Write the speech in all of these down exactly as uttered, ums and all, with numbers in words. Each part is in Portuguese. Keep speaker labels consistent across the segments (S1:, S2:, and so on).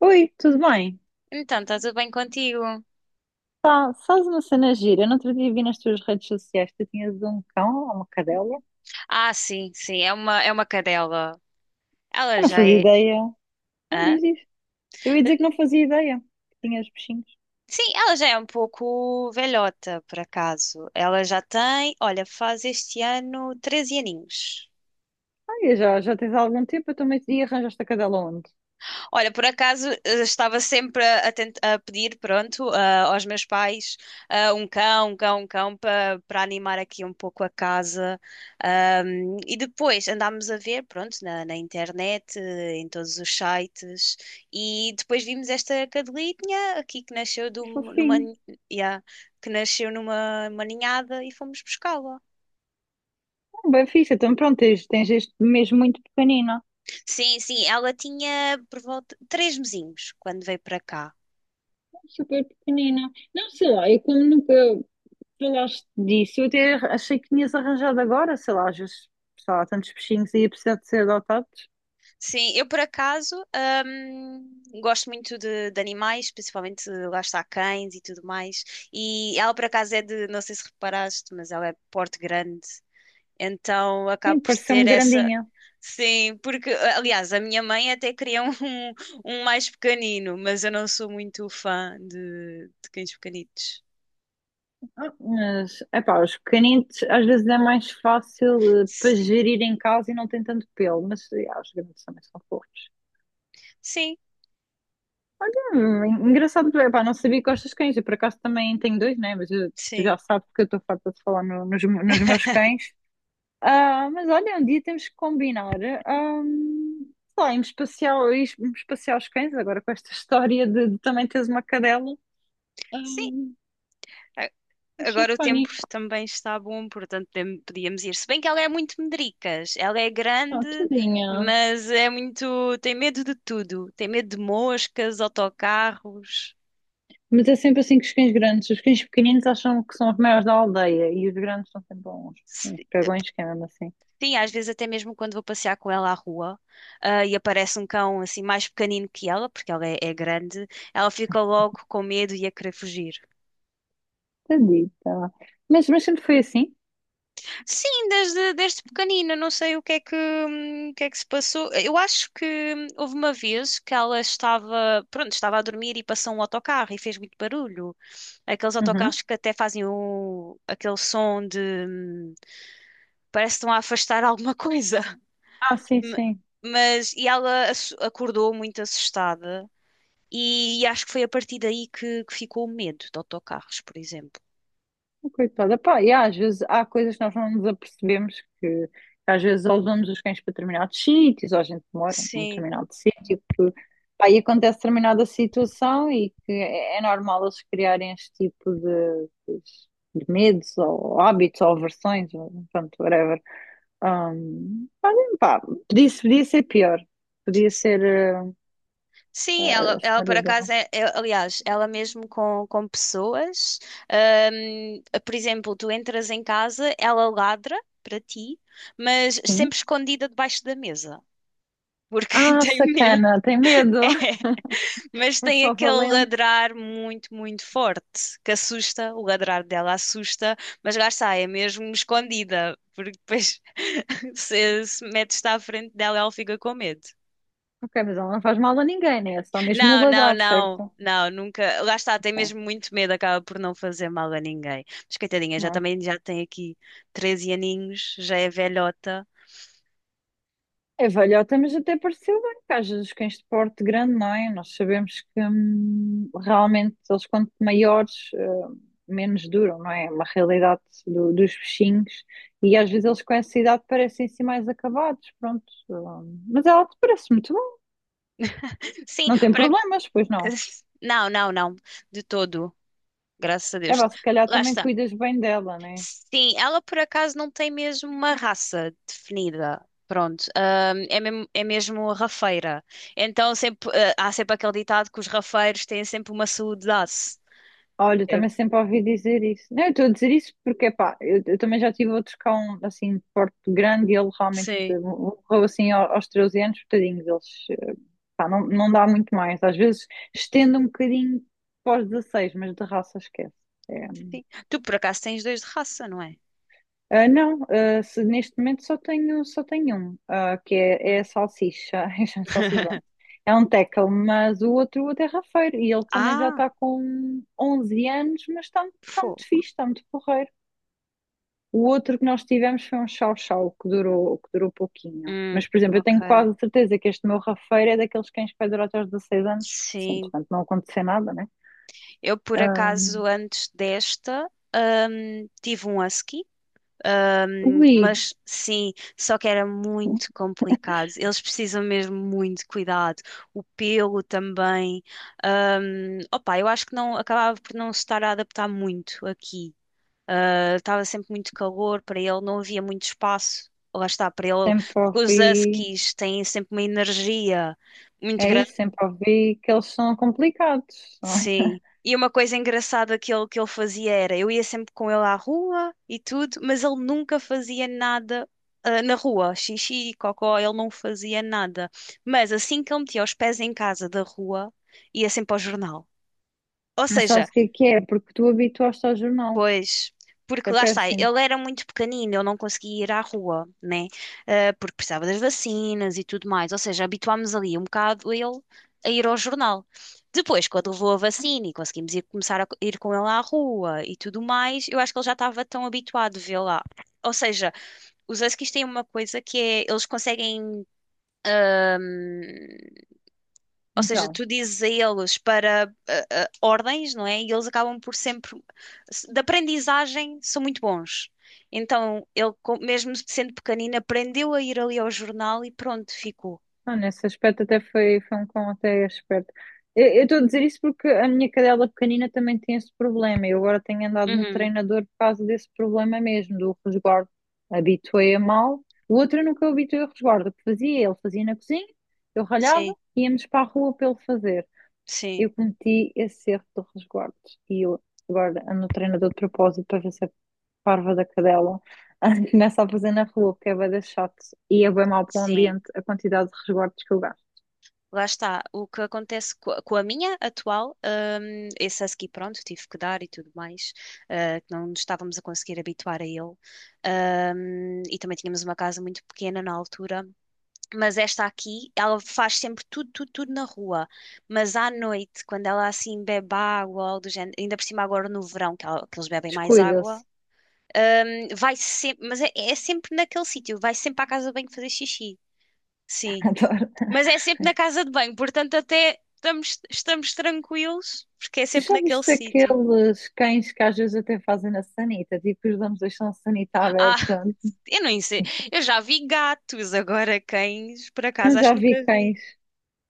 S1: Oi, tudo bem?
S2: Então, está tudo bem contigo?
S1: Pá, sabes uma cena gira? Eu não outro dia vi nas tuas redes sociais que tu tinhas um cão ou uma cadela.
S2: Ah, sim, sim, é uma, é uma cadela. Ela
S1: Eu não
S2: já
S1: fazia
S2: é.
S1: ideia. Não
S2: Hã?
S1: diz isso. Eu ia dizer que não fazia ideia que tinhas bichinhos.
S2: Sim, ela já é um pouco velhota, por acaso. Ela já tem, olha, faz este ano treze aninhos.
S1: Ah, e já, já tens há algum tempo, eu também e arranjaste a cadela onde?
S2: Olha, por acaso eh, estava sempre a, tent- a pedir, pronto, ah, aos meus pais ah, um cão, um cão, um cão para para animar aqui um pouco a casa. Ahm, e depois andámos a ver, pronto, na, na internet, eh, em todos os sites, e depois vimos esta cadelinha aqui que nasceu de um- numa,
S1: Fofinho.
S2: ni- yeah, que nasceu numa uma ninhada e fomos buscá-la.
S1: Ah, bem fixe, então pronto, tens, tens este mesmo muito pequenino.
S2: Sim, sim, ela tinha por volta três mesinhos quando veio para cá.
S1: Super pequenina. Não sei lá, eu como nunca falaste disso, eu até achei que tinhas arranjado agora, sei lá, às vezes, sei lá, há tantos bichinhos e ia precisar de ser adotados.
S2: Sim, eu por acaso hum, gosto muito de, de animais, principalmente lá está cães e tudo mais. E ela por acaso é de, não sei se reparaste, mas ela é de porte grande, então
S1: Sim,
S2: acabo por ter
S1: pareceu-me
S2: essa.
S1: grandinha.
S2: Sim, porque aliás a minha mãe até queria um, um um mais pequenino, mas eu não sou muito fã de, de cães pequenitos.
S1: Ah, mas, epá, os canites às vezes é mais fácil eh, para
S2: Sim,
S1: gerir em casa e não tem tanto pelo, mas eh, ah, os canites também são fofos.
S2: sim,
S1: Olha, en- engraçado, epá, não sabia que gostas de cães, eu por acaso também tenho dois, né? Mas eu- tu
S2: sim,
S1: já sabes que eu estou farta de falar no- nos, nos meus cães. Ah, mas olha, um dia temos que combinar, ah, sei lá, irmos passear, irmos passear os cães, agora com esta história de, de também teres uma cadela. Ah,
S2: sim.
S1: achei
S2: Agora o tempo
S1: pânico,
S2: também está bom, portanto podem- podíamos ir. Se bem que ela é muito medricas, ela é
S1: oh,
S2: grande,
S1: tadinha.
S2: mas é muito, tem medo de tudo. Tem medo de moscas, autocarros.
S1: Mas é sempre assim com os cães grandes. Os cães pequeninos acham que são os maiores da aldeia e os grandes são sempre uns, uns
S2: Si-
S1: cagões, que é mesmo assim.
S2: Sim, às vezes até mesmo quando vou passear com ela à rua, ah, e aparece um cão assim mais pequenino que ela, porque ela é, é grande, ela fica logo com medo e a querer fugir.
S1: Tadita. Mas, mas sempre foi assim?
S2: Sim, desde, desde pequenina, não sei o que é que, hum, o que é que se passou. Eu acho que hum, houve uma vez que ela estava, pronto, estava a dormir e passou um autocarro e fez muito barulho. Aqueles
S1: Uhum.
S2: autocarros que até fazem o, aquele som de, hum, parece que estão a afastar alguma coisa.
S1: Ah, sim,
S2: Ma-
S1: sim.
S2: Mas, e ela ass- acordou muito assustada e, acho que foi a partir daí que, que ficou o medo de autocarros, por exemplo.
S1: Oh, coitada. Pá, e às vezes há coisas que nós não nos apercebemos que às vezes ou levamos os cães para determinados sítios, ou a gente mora num
S2: Sim.
S1: determinado sítio, que, pá, e acontece determinada situação e que é é normal eles criarem este tipo de, de medos ou hábitos ou aversões, ou, pronto, whatever. Hum, olha, pá, podia, podia ser pior. Podia ser eh,
S2: Sim,
S1: a
S2: ela, ela por
S1: história
S2: acaso
S1: dela.
S2: é, é- aliás, ela mesmo com, com pessoas, ahm, por exemplo, tu entras em casa, ela ladra para ti, mas
S1: Sim.
S2: sempre escondida debaixo da mesa, porque
S1: Ah,
S2: tem medo,
S1: sacana, tem medo.
S2: mas
S1: É
S2: tem
S1: só
S2: aquele
S1: valente.
S2: ladrar muito, muito forte, que assusta, o ladrar dela assusta, mas lá está, é mesmo escondida, porque depois se, se metes-te à frente dela, ela fica com medo.
S1: Ok, mas ela não faz mal a ninguém, né? É só mesmo o
S2: Não, não,
S1: ladrar,
S2: não,
S1: certo?
S2: não, nunca. Lá está, tem
S1: Ok.
S2: mesmo muito medo, acaba por não fazer mal a ninguém. Mas coitadinha, já
S1: Não,
S2: também já tem aqui treze aninhos, já é velhota.
S1: a velhota, mas até pareceu bem, porque às vezes os cães de porte grande, não é? Nós sabemos que hum, realmente eles quanto maiores, eh, menos duram, não é? É uma realidade do- dos bichinhos. E às vezes eles com essa idade parecem-se mais acabados, pronto. Hum, mas ela te parece muito bom.
S2: Sim,
S1: Não tem
S2: para.
S1: problemas, pois não.
S2: Não, não, não, de todo, graças a
S1: É,
S2: Deus.
S1: vá, se calhar
S2: Lá
S1: também
S2: está.
S1: cuidas bem dela, né?
S2: Sim, ela por acaso não tem mesmo uma raça definida. Pronto, Ahm, é mesmo, é mesmo rafeira. Então sempre, ah, há sempre aquele ditado que os rafeiros têm sempre uma saúde de aço.
S1: Olha, eu
S2: Eu-
S1: também sempre ouvi dizer isso. Não, eu estou a dizer isso porque, pá, eu, eu também já tive outros cão, assim, de porte grande e ele realmente
S2: Sim.
S1: morreu, assim, ao- aos treze anos, tadinhos, eles, eh, pá, não, não dá muito mais. Às vezes estende um bocadinho pós dezasseis, mas de raça esquece. É.
S2: Sim. Tu por acaso tens dois de raça, não é?
S1: Ah, não, ah, se- neste momento só tenho, só tenho um, ah, que é, é
S2: Hum.
S1: a salsicha, é a salsicha, pronto. É um tackle, mas o outro, o outro é rafeiro e ele também já
S2: Ah,
S1: está com onze anos, mas está, está muito
S2: fogo.
S1: fixe, está muito porreiro. O outro que nós tivemos foi um chau-chau que durou, que durou pouquinho.
S2: Hum,
S1: Mas, por exemplo, eu
S2: ok.
S1: tenho quase certeza que este meu rafeiro é daqueles cães que vai durar até aos dezasseis anos. Sim,
S2: Sim.
S1: portanto, não aconteceu nada, né?
S2: Eu por
S1: Ah,
S2: acaso antes desta hum, tive um husky, hum,
S1: ui,
S2: mas sim, só que era muito complicado. Eles precisam mesmo muito de cuidado. O pelo também. Hum, opa, eu acho que não acabava por não se estar a adaptar muito aqui. Ah, estava sempre muito calor, para ele não havia muito espaço. Lá está, para ele,
S1: sempre
S2: porque os
S1: ouvi.
S2: huskies têm sempre uma energia muito
S1: É
S2: grande,
S1: isso, sempre ouvi que eles são complicados.
S2: sim. E uma coisa engraçada que ele, que ele fazia era, eu ia sempre com ele à rua e tudo, mas ele nunca fazia nada, ah, na rua, xixi, cocó, ele não fazia nada. Mas assim que ele metia os pés em casa da rua, ia sempre ao jornal. Ou
S1: Mas
S2: seja,
S1: sabes o que é que é? Porque tu habituaste ao jornal.
S2: pois, porque
S1: É
S2: lá está,
S1: péssimo.
S2: ele era muito pequenino, ele não conseguia ir à rua, né? Ah, porque precisava das vacinas e tudo mais. Ou seja, habituámos ali um bocado ele a ir ao jornal. Depois, quando levou a vacina e conseguimos ir, começar a co- ir com ele à rua e tudo mais, eu acho que ele já estava tão habituado a vê-la. Ou seja, os huskies têm uma coisa que é, eles conseguem hum, ou seja,
S1: Então.
S2: tu dizes a eles para ah, ah, ordens, não é? E eles acabam por sempre, de aprendizagem, são muito bons. Então, ele, com- mesmo sendo pequenino, aprendeu a ir ali ao jornal e pronto, ficou.
S1: Ah, nesse aspecto até foi, foi um cão até esperto. Eu eu estou a dizer isso porque a minha cadela pequenina também tem esse problema. Eu agora tenho andado no
S2: Uhum.
S1: treinador por causa desse problema mesmo, do resguardo. Habituei-a mal. O outro eu nunca o habituei ao resguardo. O que fazia? Ele fazia na cozinha, eu ralhava,
S2: Sim,
S1: íamos para a rua para ele fazer,
S2: sim,
S1: eu cometi esse erro do resguardos e eu agora ando treinador de propósito para ver se a parva da cadela começa a fazer na rua, porque é bué da chato e é bem mau para o
S2: sim.
S1: ambiente a quantidade de resguardos que eu gasto.
S2: Lá está. O que acontece co- com a minha atual, hum, esse husky, pronto, tive que dar e tudo mais, ah, que não nos estávamos a conseguir habituar a ele. Hum, e também tínhamos uma casa muito pequena na altura. Mas esta aqui, ela faz sempre tudo, tudo, tudo na rua. Mas à noite, quando ela assim bebe água, ou algo do género, ainda por cima agora no verão, que, ela- que eles bebem mais água,
S1: Descuida-se.
S2: hum, vai sempre, mas é, é sempre naquele sítio, vai sempre à casa de banho fazer xixi. Sim.
S1: Adoro.
S2: Mas é sempre na casa de banho, portanto até estamos, estamos, tranquilos, porque é
S1: Tu
S2: sempre
S1: já
S2: naquele
S1: viste
S2: sítio.
S1: aqueles cães que às vezes até fazem na sanita, tipo, os donos deixam a sanita
S2: Ah,
S1: aberta?
S2: eu não sei,
S1: Sim.
S2: eu já vi gatos, agora cães, por
S1: Não,
S2: acaso, acho
S1: já
S2: que
S1: vi
S2: nunca vi.
S1: cães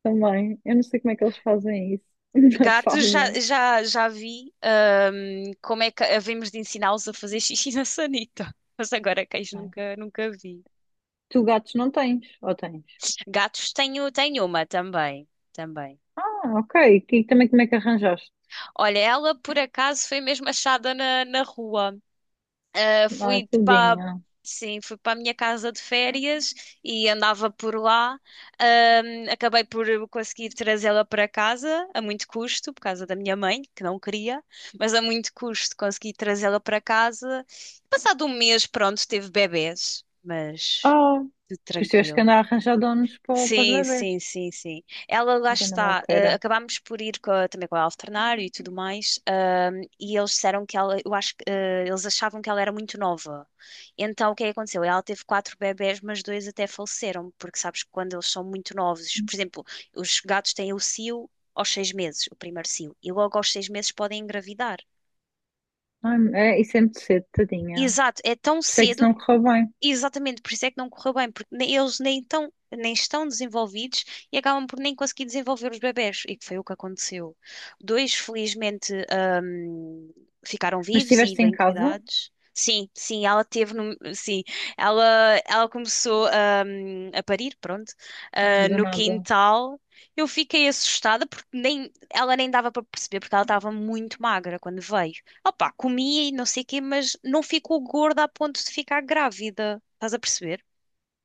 S1: também. Eu não sei como é que eles fazem isso, mas
S2: Gatos já,
S1: fazem.
S2: já, já vi ahm, como é que havemos de ensiná-los a fazer xixi na sanita. Mas agora cães
S1: Ai.
S2: nunca, nunca vi.
S1: Tu gatos não tens, ou tens?
S2: Gatos tenho, tenho uma também, também.
S1: Ah, ok. E também como é que arranjaste?
S2: Olha, ela por acaso foi mesmo achada na, na rua. Eh,
S1: Ah,
S2: fui para,
S1: tudinho.
S2: sim, fui para a minha casa de férias e andava por lá. Ahm, acabei por conseguir trazê-la para casa a muito custo, por causa da minha mãe, que não queria, mas a muito custo consegui trazê-la para casa. Passado um mês, pronto, teve bebés, mas
S1: Ah,
S2: tudo
S1: pois tiveste que
S2: tranquilo.
S1: andar a arranjar donos para, para os
S2: Sim,
S1: bebés.
S2: sim, sim, sim. Ela lá
S1: Ai, que anda
S2: está.
S1: maluqueira.
S2: eh, acabámos por ir co- também com a alternar e tudo mais e eles disseram que ela, eu acho que eh, eles achavam que ela era muito nova. Então o que é que aconteceu? Ela teve quatro bebés, mas dois até faleceram, porque sabes que quando eles são muito novos, por exemplo, os gatos têm o cio aos seis meses, o primeiro cio, e logo aos seis meses podem engravidar.
S1: Ai, é, isso é muito cedo, tadinha.
S2: Exato, é tão
S1: Sei que isso
S2: cedo.
S1: não correu bem.
S2: Exatamente, por isso é que não correu bem, porque nem- eles nem tão, nem estão desenvolvidos e acabam por nem conseguir desenvolver os bebés, e que foi o que aconteceu. Dois, felizmente, hum, ficaram
S1: Mas
S2: vivos e
S1: estiveste em
S2: bem
S1: casa?
S2: cuidados. Sim, sim, ela teve, no- sim, ela, ela começou, hum, a parir, pronto,
S1: Ai,
S2: ah,
S1: do
S2: no
S1: nada.
S2: quintal. Eu fiquei assustada porque nem, ela nem dava para perceber, porque ela estava muito magra quando veio. Opa, comia e não sei o quê, mas não ficou gorda a ponto de ficar grávida. Estás a perceber?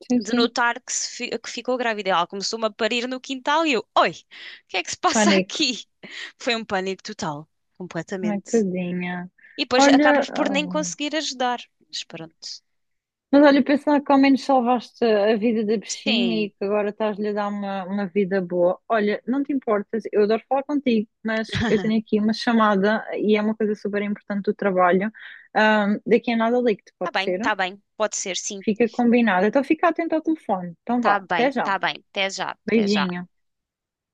S1: Sim,
S2: De
S1: sim.
S2: notar que, se fi- que ficou grávida. Ela começou-me a parir no quintal e eu, oi, o que é que se passa
S1: Pânico.
S2: aqui? Foi um pânico total,
S1: Ai,
S2: completamente.
S1: tadinha.
S2: E depois
S1: Olha,
S2: acabas por nem
S1: ah,
S2: conseguir ajudar. Mas pronto.
S1: mas olha, pensando que ao menos salvaste a vida da bichinha e
S2: Sim,
S1: que agora estás-lhe a dar uma, uma vida boa. Olha, não te importas, eu adoro falar contigo, mas eu tenho aqui uma chamada e é uma coisa super importante do trabalho. Ah, daqui a nada ligo-te,
S2: está
S1: pode
S2: bem,
S1: ser?
S2: está bem, pode ser, sim.
S1: Fica combinado. Então fica atento ao telefone. Então vá,
S2: Está bem,
S1: até já.
S2: está bem. Até já, até já.
S1: Beijinho.